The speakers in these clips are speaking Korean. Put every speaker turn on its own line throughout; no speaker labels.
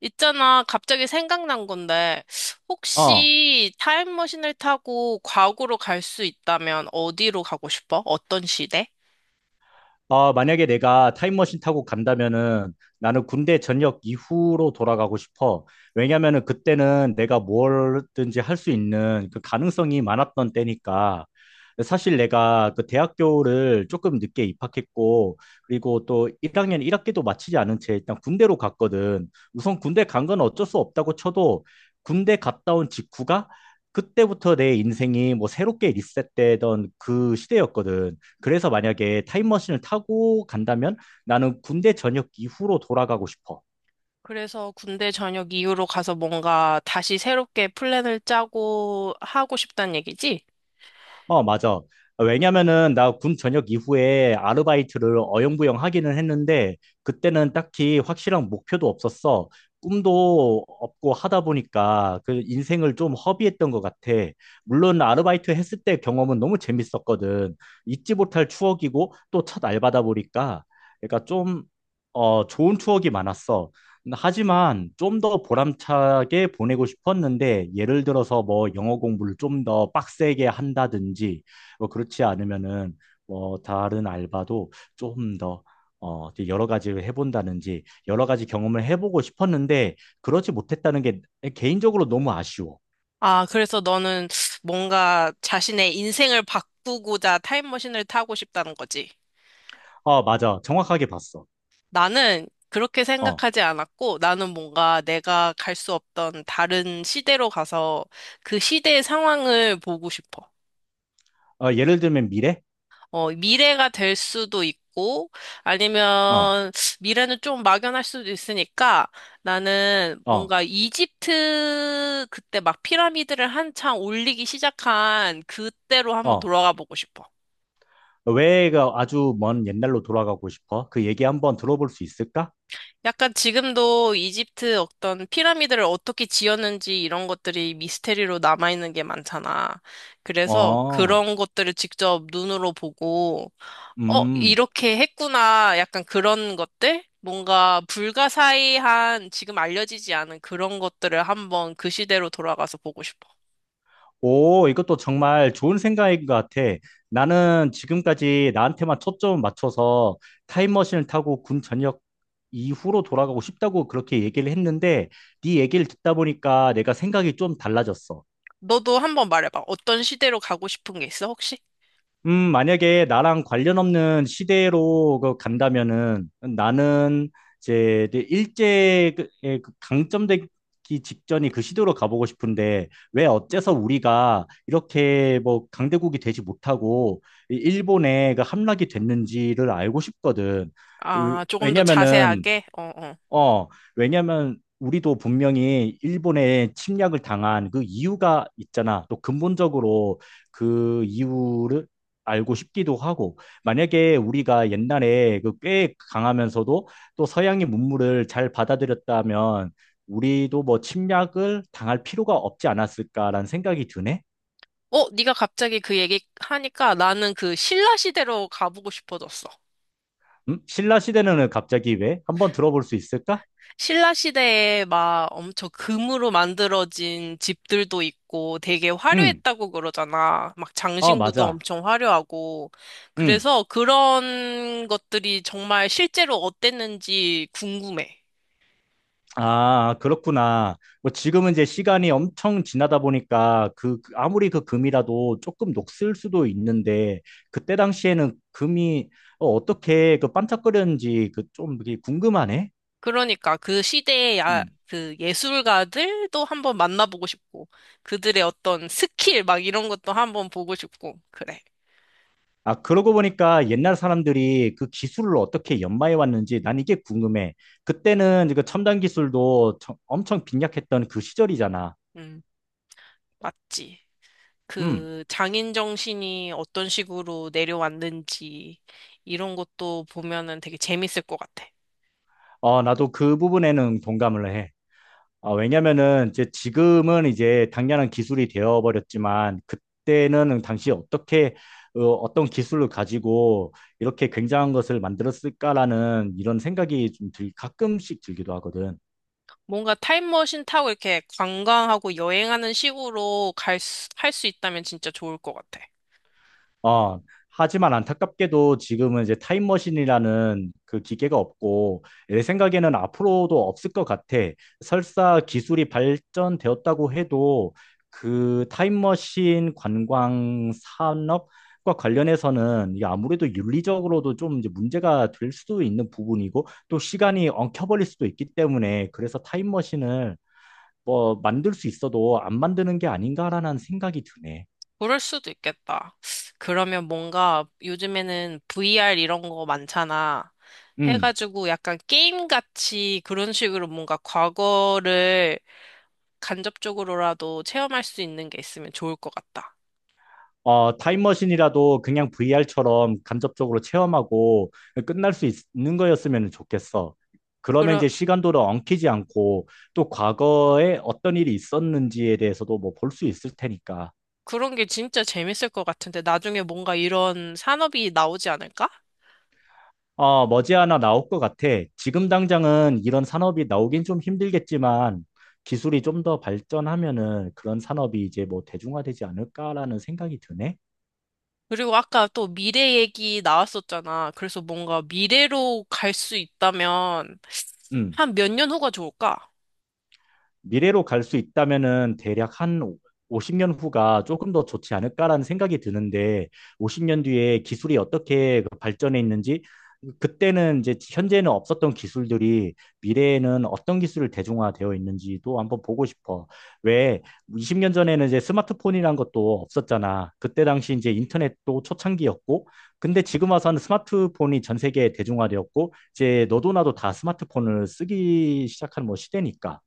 있잖아, 갑자기 생각난 건데,
어,
혹시 타임머신을 타고 과거로 갈 수 있다면 어디로 가고 싶어? 어떤 시대?
만약에 내가 타임머신 타고 간다면은 나는 군대 전역 이후로 돌아가고 싶어. 왜냐면은 그때는 내가 뭐든지 할 수 있는 그 가능성이 많았던 때니까. 사실 내가 그 대학교를 조금 늦게 입학했고, 그리고 또 1학년 1학기도 마치지 않은 채 일단 군대로 갔거든. 우선 군대 간 건 어쩔 수 없다고 쳐도 군대 갔다 온 직후가 그때부터 내 인생이 뭐 새롭게 리셋되던 그 시대였거든. 그래서 만약에 타임머신을 타고 간다면 나는 군대 전역 이후로 돌아가고 싶어.
그래서 군대 전역 이후로 가서 뭔가 다시 새롭게 플랜을 짜고 하고 싶단 얘기지?
어, 맞아. 왜냐면은 나 군 전역 이후에 아르바이트를 어영부영 하기는 했는데 그때는 딱히 확실한 목표도 없었어. 꿈도 없고 하다 보니까 그 인생을 좀 허비했던 것 같아. 물론 아르바이트 했을 때 경험은 너무 재밌었거든. 잊지 못할 추억이고 또 첫 알바다 보니까 그러니까 좀 좋은 추억이 많았어. 하지만 좀 더 보람차게 보내고 싶었는데 예를 들어서 뭐 영어 공부를 좀 더 빡세게 한다든지 뭐 그렇지 않으면은 뭐 다른 알바도 좀 더 되게 여러 가지를 해본다든지 여러 가지 경험을 해보고 싶었는데 그러지 못했다는 게 개인적으로 너무 아쉬워.
아, 그래서 너는 뭔가 자신의 인생을 바꾸고자 타임머신을 타고 싶다는 거지?
어, 맞아. 정확하게 봤어.
나는 그렇게
어,
생각하지 않았고, 나는 뭔가 내가 갈 수 없던 다른 시대로 가서 그 시대의 상황을 보고 싶어.
어 예를 들면 미래?
어, 미래가 될 수도 있고,
어,
아니면 미래는 좀 막연할 수도 있으니까 나는
어,
뭔가 이집트 그때 막 피라미드를 한창 올리기 시작한 그때로 한번
어.
돌아가 보고 싶어.
왜가 아주 먼 옛날로 돌아가고 싶어? 그 얘기 한번 들어볼 수 있을까?
약간 지금도 이집트 어떤 피라미드를 어떻게 지었는지 이런 것들이 미스테리로 남아있는 게 많잖아. 그래서
어.
그런 것들을 직접 눈으로 보고, 어,
음,
이렇게 했구나. 약간 그런 것들? 뭔가 불가사의한 지금 알려지지 않은 그런 것들을 한번 그 시대로 돌아가서 보고 싶어.
오, 이것도 정말 좋은 생각인 것 같아. 나는 지금까지 나한테만 초점을 맞춰서 타임머신을 타고 군 전역 이후로 돌아가고 싶다고 그렇게 얘기를 했는데, 네 얘기를 듣다 보니까 내가 생각이 좀 달라졌어.
너도 한번 말해봐. 어떤 시대로 가고 싶은 게 있어, 혹시?
만약에 나랑 관련 없는 시대로 그 간다면은 나는 이제 일제의 그- 예, 그 강점되기 직전이 그 시대로 가보고 싶은데 왜 어째서 우리가 이렇게 뭐 강대국이 되지 못하고 일본에 그 함락이 됐는지를 알고 싶거든. 으,
아, 조금 더
왜냐면은
자세하게? 어, 어.
어, 왜냐면 우리도 분명히 일본에 침략을 당한 그 이유가 있잖아. 또 근본적으로 그 이유를 알고 싶기도 하고, 만약에 우리가 옛날에 그 꽤 강하면서도 또 서양의 문물을 잘 받아들였다면 우리도 뭐 침략을 당할 필요가 없지 않았을까라는 생각이 드네.
어, 네가 갑자기 그 얘기 하니까 나는 그 신라 시대로 가보고 싶어졌어.
음? 신라 시대는 갑자기 왜? 한번 들어볼 수 있을까?
신라 시대에 막 엄청 금으로 만들어진 집들도 있고 되게
응,
화려했다고 그러잖아. 막
어,
장신구도
맞아.
엄청 화려하고.
응.
그래서 그런 것들이 정말 실제로 어땠는지 궁금해.
아, 그렇구나. 뭐 지금은 이제 시간이 엄청 지나다 보니까 그 그- 아무리 그 금이라도 조금 녹슬 수도 있는데 그때 당시에는 금이 어떻게 그 반짝거렸는지 그 좀 궁금하네.
그러니까 그 시대의 야,
음.
그 예술가들도 한번 만나보고 싶고, 그들의 어떤 스킬 막 이런 것도 한번 보고 싶고, 그래.
아, 그러고 보니까 옛날 사람들이 그 기술을 어떻게 연마해 왔는지 난 이게 궁금해. 그때는 그 첨단 기술도 처- 엄청 빈약했던 그 시절이잖아.
음, 맞지.
음.
그 장인 정신이 어떤 식으로 내려왔는지 이런 것도 보면은 되게 재밌을 것 같아.
어, 나도 그 부분에는 동감을 해. 아, 왜냐면은 이제 지금은 이제 당연한 기술이 되어버렸지만 그때는 당시 어떻게 어떤 기술을 가지고 이렇게 굉장한 것을 만들었을까라는 이런 생각이 좀 들, 가끔씩 들기도 하거든.
뭔가 타임머신 타고 이렇게 관광하고 여행하는 식으로 갈 수, 할 수 있다면 진짜 좋을 것 같아.
어, 하지만 안타깝게도 지금은 이제 타임머신이라는 그 기계가 없고, 내 생각에는 앞으로도 없을 것 같아. 설사 기술이 발전되었다고 해도 그 타임머신 관광 산업과 관련해서는 이게 아무래도 윤리적으로도 좀 이제 문제가 될 수도 있는 부분이고, 또 시간이 엉켜버릴 수도 있기 때문에, 그래서 타임머신을 뭐 만들 수 있어도 안 만드는 게 아닌가라는 생각이 드네.
그럴 수도 있겠다. 그러면 뭔가 요즘에는 VR 이런 거 많잖아.
음.
해가지고 약간 게임같이 그런 식으로 뭔가 과거를 간접적으로라도 체험할 수 있는 게 있으면 좋을 것 같다.
어, 타임머신이라도 그냥 VR처럼 간접적으로 체험하고 끝날 수 있, 는 거였으면 좋겠어. 그러면
그런,
이제 시간도를 엉키지 않고 또 과거에 어떤 일이 있었는지에 대해서도 뭐 볼 수 있을 테니까.
그런 게 진짜 재밌을 것 같은데 나중에 뭔가 이런 산업이 나오지 않을까?
어, 머지않아 나올 것 같아. 지금 당장은 이런 산업이 나오긴 좀 힘들겠지만 기술이 좀 더 발전하면은 그런 산업이 이제 뭐 대중화되지 않을까라는 생각이 드네.
그리고 아까 또 미래 얘기 나왔었잖아. 그래서 뭔가 미래로 갈 수 있다면
음.
한 몇 년 후가 좋을까?
미래로 갈 수 있다면은 대략 한 50년 후가 조금 더 좋지 않을까라는 생각이 드는데 50년 뒤에 기술이 어떻게 그 발전해 있는지 그때는 이제 현재는 없었던 기술들이 미래에는 어떤 기술을 대중화되어 있는지도 한번 보고 싶어. 왜 20년 전에는 이제 스마트폰이란 것도 없었잖아. 그때 당시 이제 인터넷도 초창기였고 근데 지금 와서는 스마트폰이 전 세계에 대중화되었고 이제 너도 나도 다 스마트폰을 쓰기 시작한 뭐 시대니까.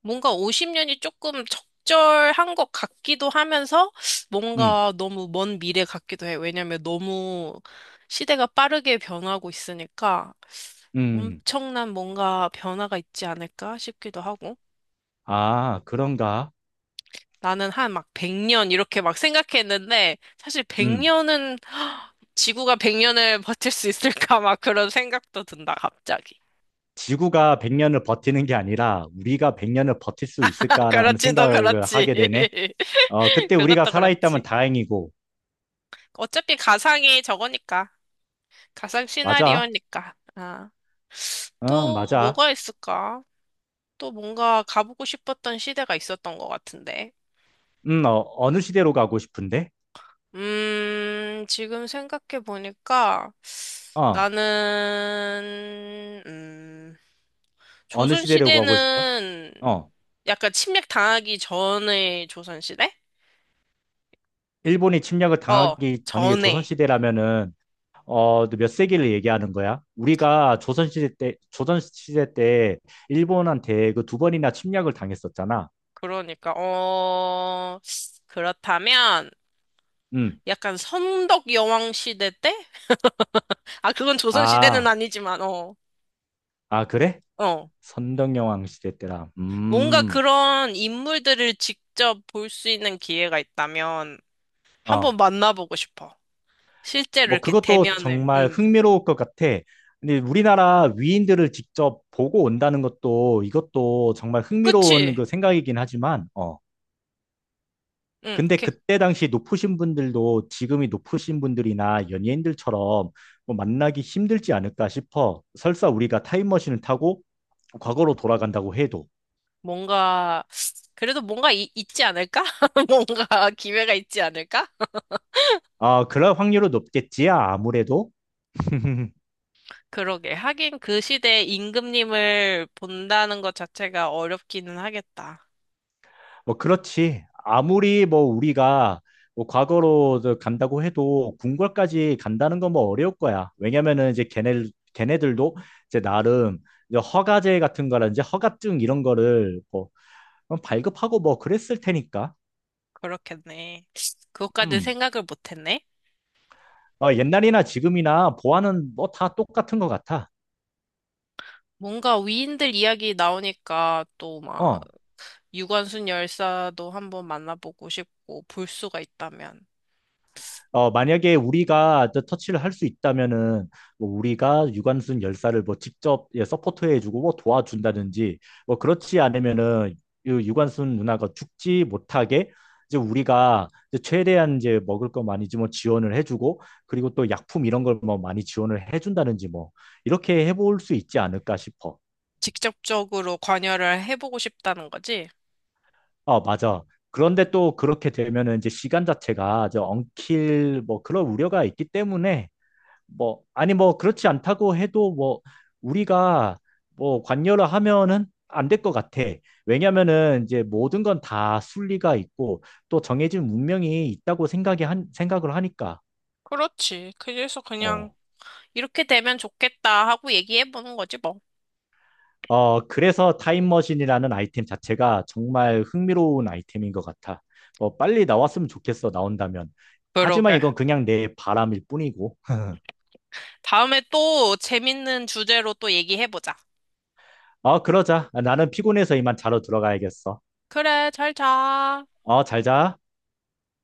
뭔가 50년이 조금 적절한 것 같기도 하면서
음.
뭔가 너무 먼 미래 같기도 해. 왜냐면 너무 시대가 빠르게 변하고 있으니까
음,
엄청난 뭔가 변화가 있지 않을까 싶기도 하고.
아, 그런가?
나는 한 막 100년 이렇게 막 생각했는데 사실
음,
100년은 지구가 100년을 버틸 수 있을까 막 그런 생각도 든다 갑자기.
지구가 100년을 버티는 게 아니라 우리가 100년을 버틸 수
아,
있을까라는
그렇지, 너
생각을
그렇지.
하게 되네. 어, 그때 우리가
그것도
살아있다면
그렇지.
다행이고.
어차피 가상이 저거니까. 가상
맞아.
시나리오니까. 아,
어,
또
맞아.
뭐가 있을까? 또 뭔가 가보고 싶었던 시대가 있었던 것 같은데.
어느 시대로 가고 싶은데?
지금 생각해 보니까
어,
나는,
어느
조선
시대로 가고 싶어?
시대는
어,
약간 침략 당하기 전의 조선 시대?
일본이 침략을
어,
당하기 전이
전에.
조선시대라면은, 어, 너몇 세기를 얘기하는 거야? 우리가 조선시대 때, 조선시대 때 일본한테 그 두 번이나 침략을 당했었잖아.
그러니까, 어, 그렇다면
음.
약간 선덕 여왕 시대 때? 아, 그건 조선 시대는
아,
아니지만, 어.
아, 그래?
어,
선덕여왕 시대 때라.
뭔가 그런 인물들을 직접 볼 수 있는 기회가 있다면
어.
한번 만나보고 싶어. 실제로
뭐,
이렇게
그것도
대면을.
정말
응.
흥미로울 것 같아. 근데 우리나라 위인들을 직접 보고 온다는 것도 이것도 정말 흥미로운
그치?
그 생각이긴 하지만, 어.
응.
근데
이렇게
그때 당시 높으신 분들도 지금이 높으신 분들이나 연예인들처럼 뭐 만나기 힘들지 않을까 싶어. 설사 우리가 타임머신을 타고 과거로 돌아간다고 해도.
뭔가, 그래도 뭔가 있지 않을까? 뭔가 기회가 있지 않을까?
아, 그럴 확률은 높겠지, 아무래도.
그러게. 하긴 그 시대에 임금님을 본다는 것 자체가 어렵기는 하겠다.
뭐 그렇지. 아무리 뭐 우리가 뭐 과거로 저 간다고 해도 궁궐까지 간다는 건 뭐 어려울 거야. 왜냐면은 이제 걔네 걔네들도 이제 나름 이제 허가제 같은 거라든지 허가증 이런 거를 뭐 발급하고 뭐 그랬을 테니까.
그렇겠네. 그것까지
음.
생각을 못했네.
어, 옛날이나 지금이나 보안은 뭐 다 똑같은 것 같아.
뭔가 위인들 이야기 나오니까 또막
어.
유관순 열사도 한번 만나보고 싶고 볼 수가 있다면
어, 만약에 우리가 저 터치를 할 수 있다면은 뭐 우리가 유관순 열사를 뭐 직접 예, 서포트해주고 뭐 도와준다든지 뭐 그렇지 않으면은 이 유관순 누나가 죽지 못하게 이제 우리가 이제 최대한 이제 먹을 거 많이 뭐 지원을 해주고 그리고 또 약품 이런 걸 뭐 많이 지원을 해준다든지 뭐 이렇게 해볼 수 있지 않을까 싶어.
직접적으로 관여를 해보고 싶다는 거지?
어 맞아. 그런데 또 그렇게 되면은 이제 시간 자체가 저 엉킬 뭐 그런 우려가 있기 때문에 뭐 아니 뭐 그렇지 않다고 해도 뭐 우리가 뭐 관여를 하면은 안 될 것 같아. 왜냐면은 이제 모든 건 다 순리가 있고 또 정해진 운명이 있다고 생각이 한 생각을 하니까.
그렇지. 그래서 그냥
어.
이렇게 되면 좋겠다 하고 얘기해보는 거지 뭐.
어, 그래서 타임머신이라는 아이템 자체가 정말 흥미로운 아이템인 것 같아. 뭐 빨리 나왔으면 좋겠어, 나온다면. 하지만
그러게.
이건 그냥 내 바람일 뿐이고.
다음에 또 재밌는 주제로 또 얘기해보자.
어, 그러자. 나는 피곤해서 이만 자러 들어가야겠어.
그래, 잘 자.
어, 잘 자.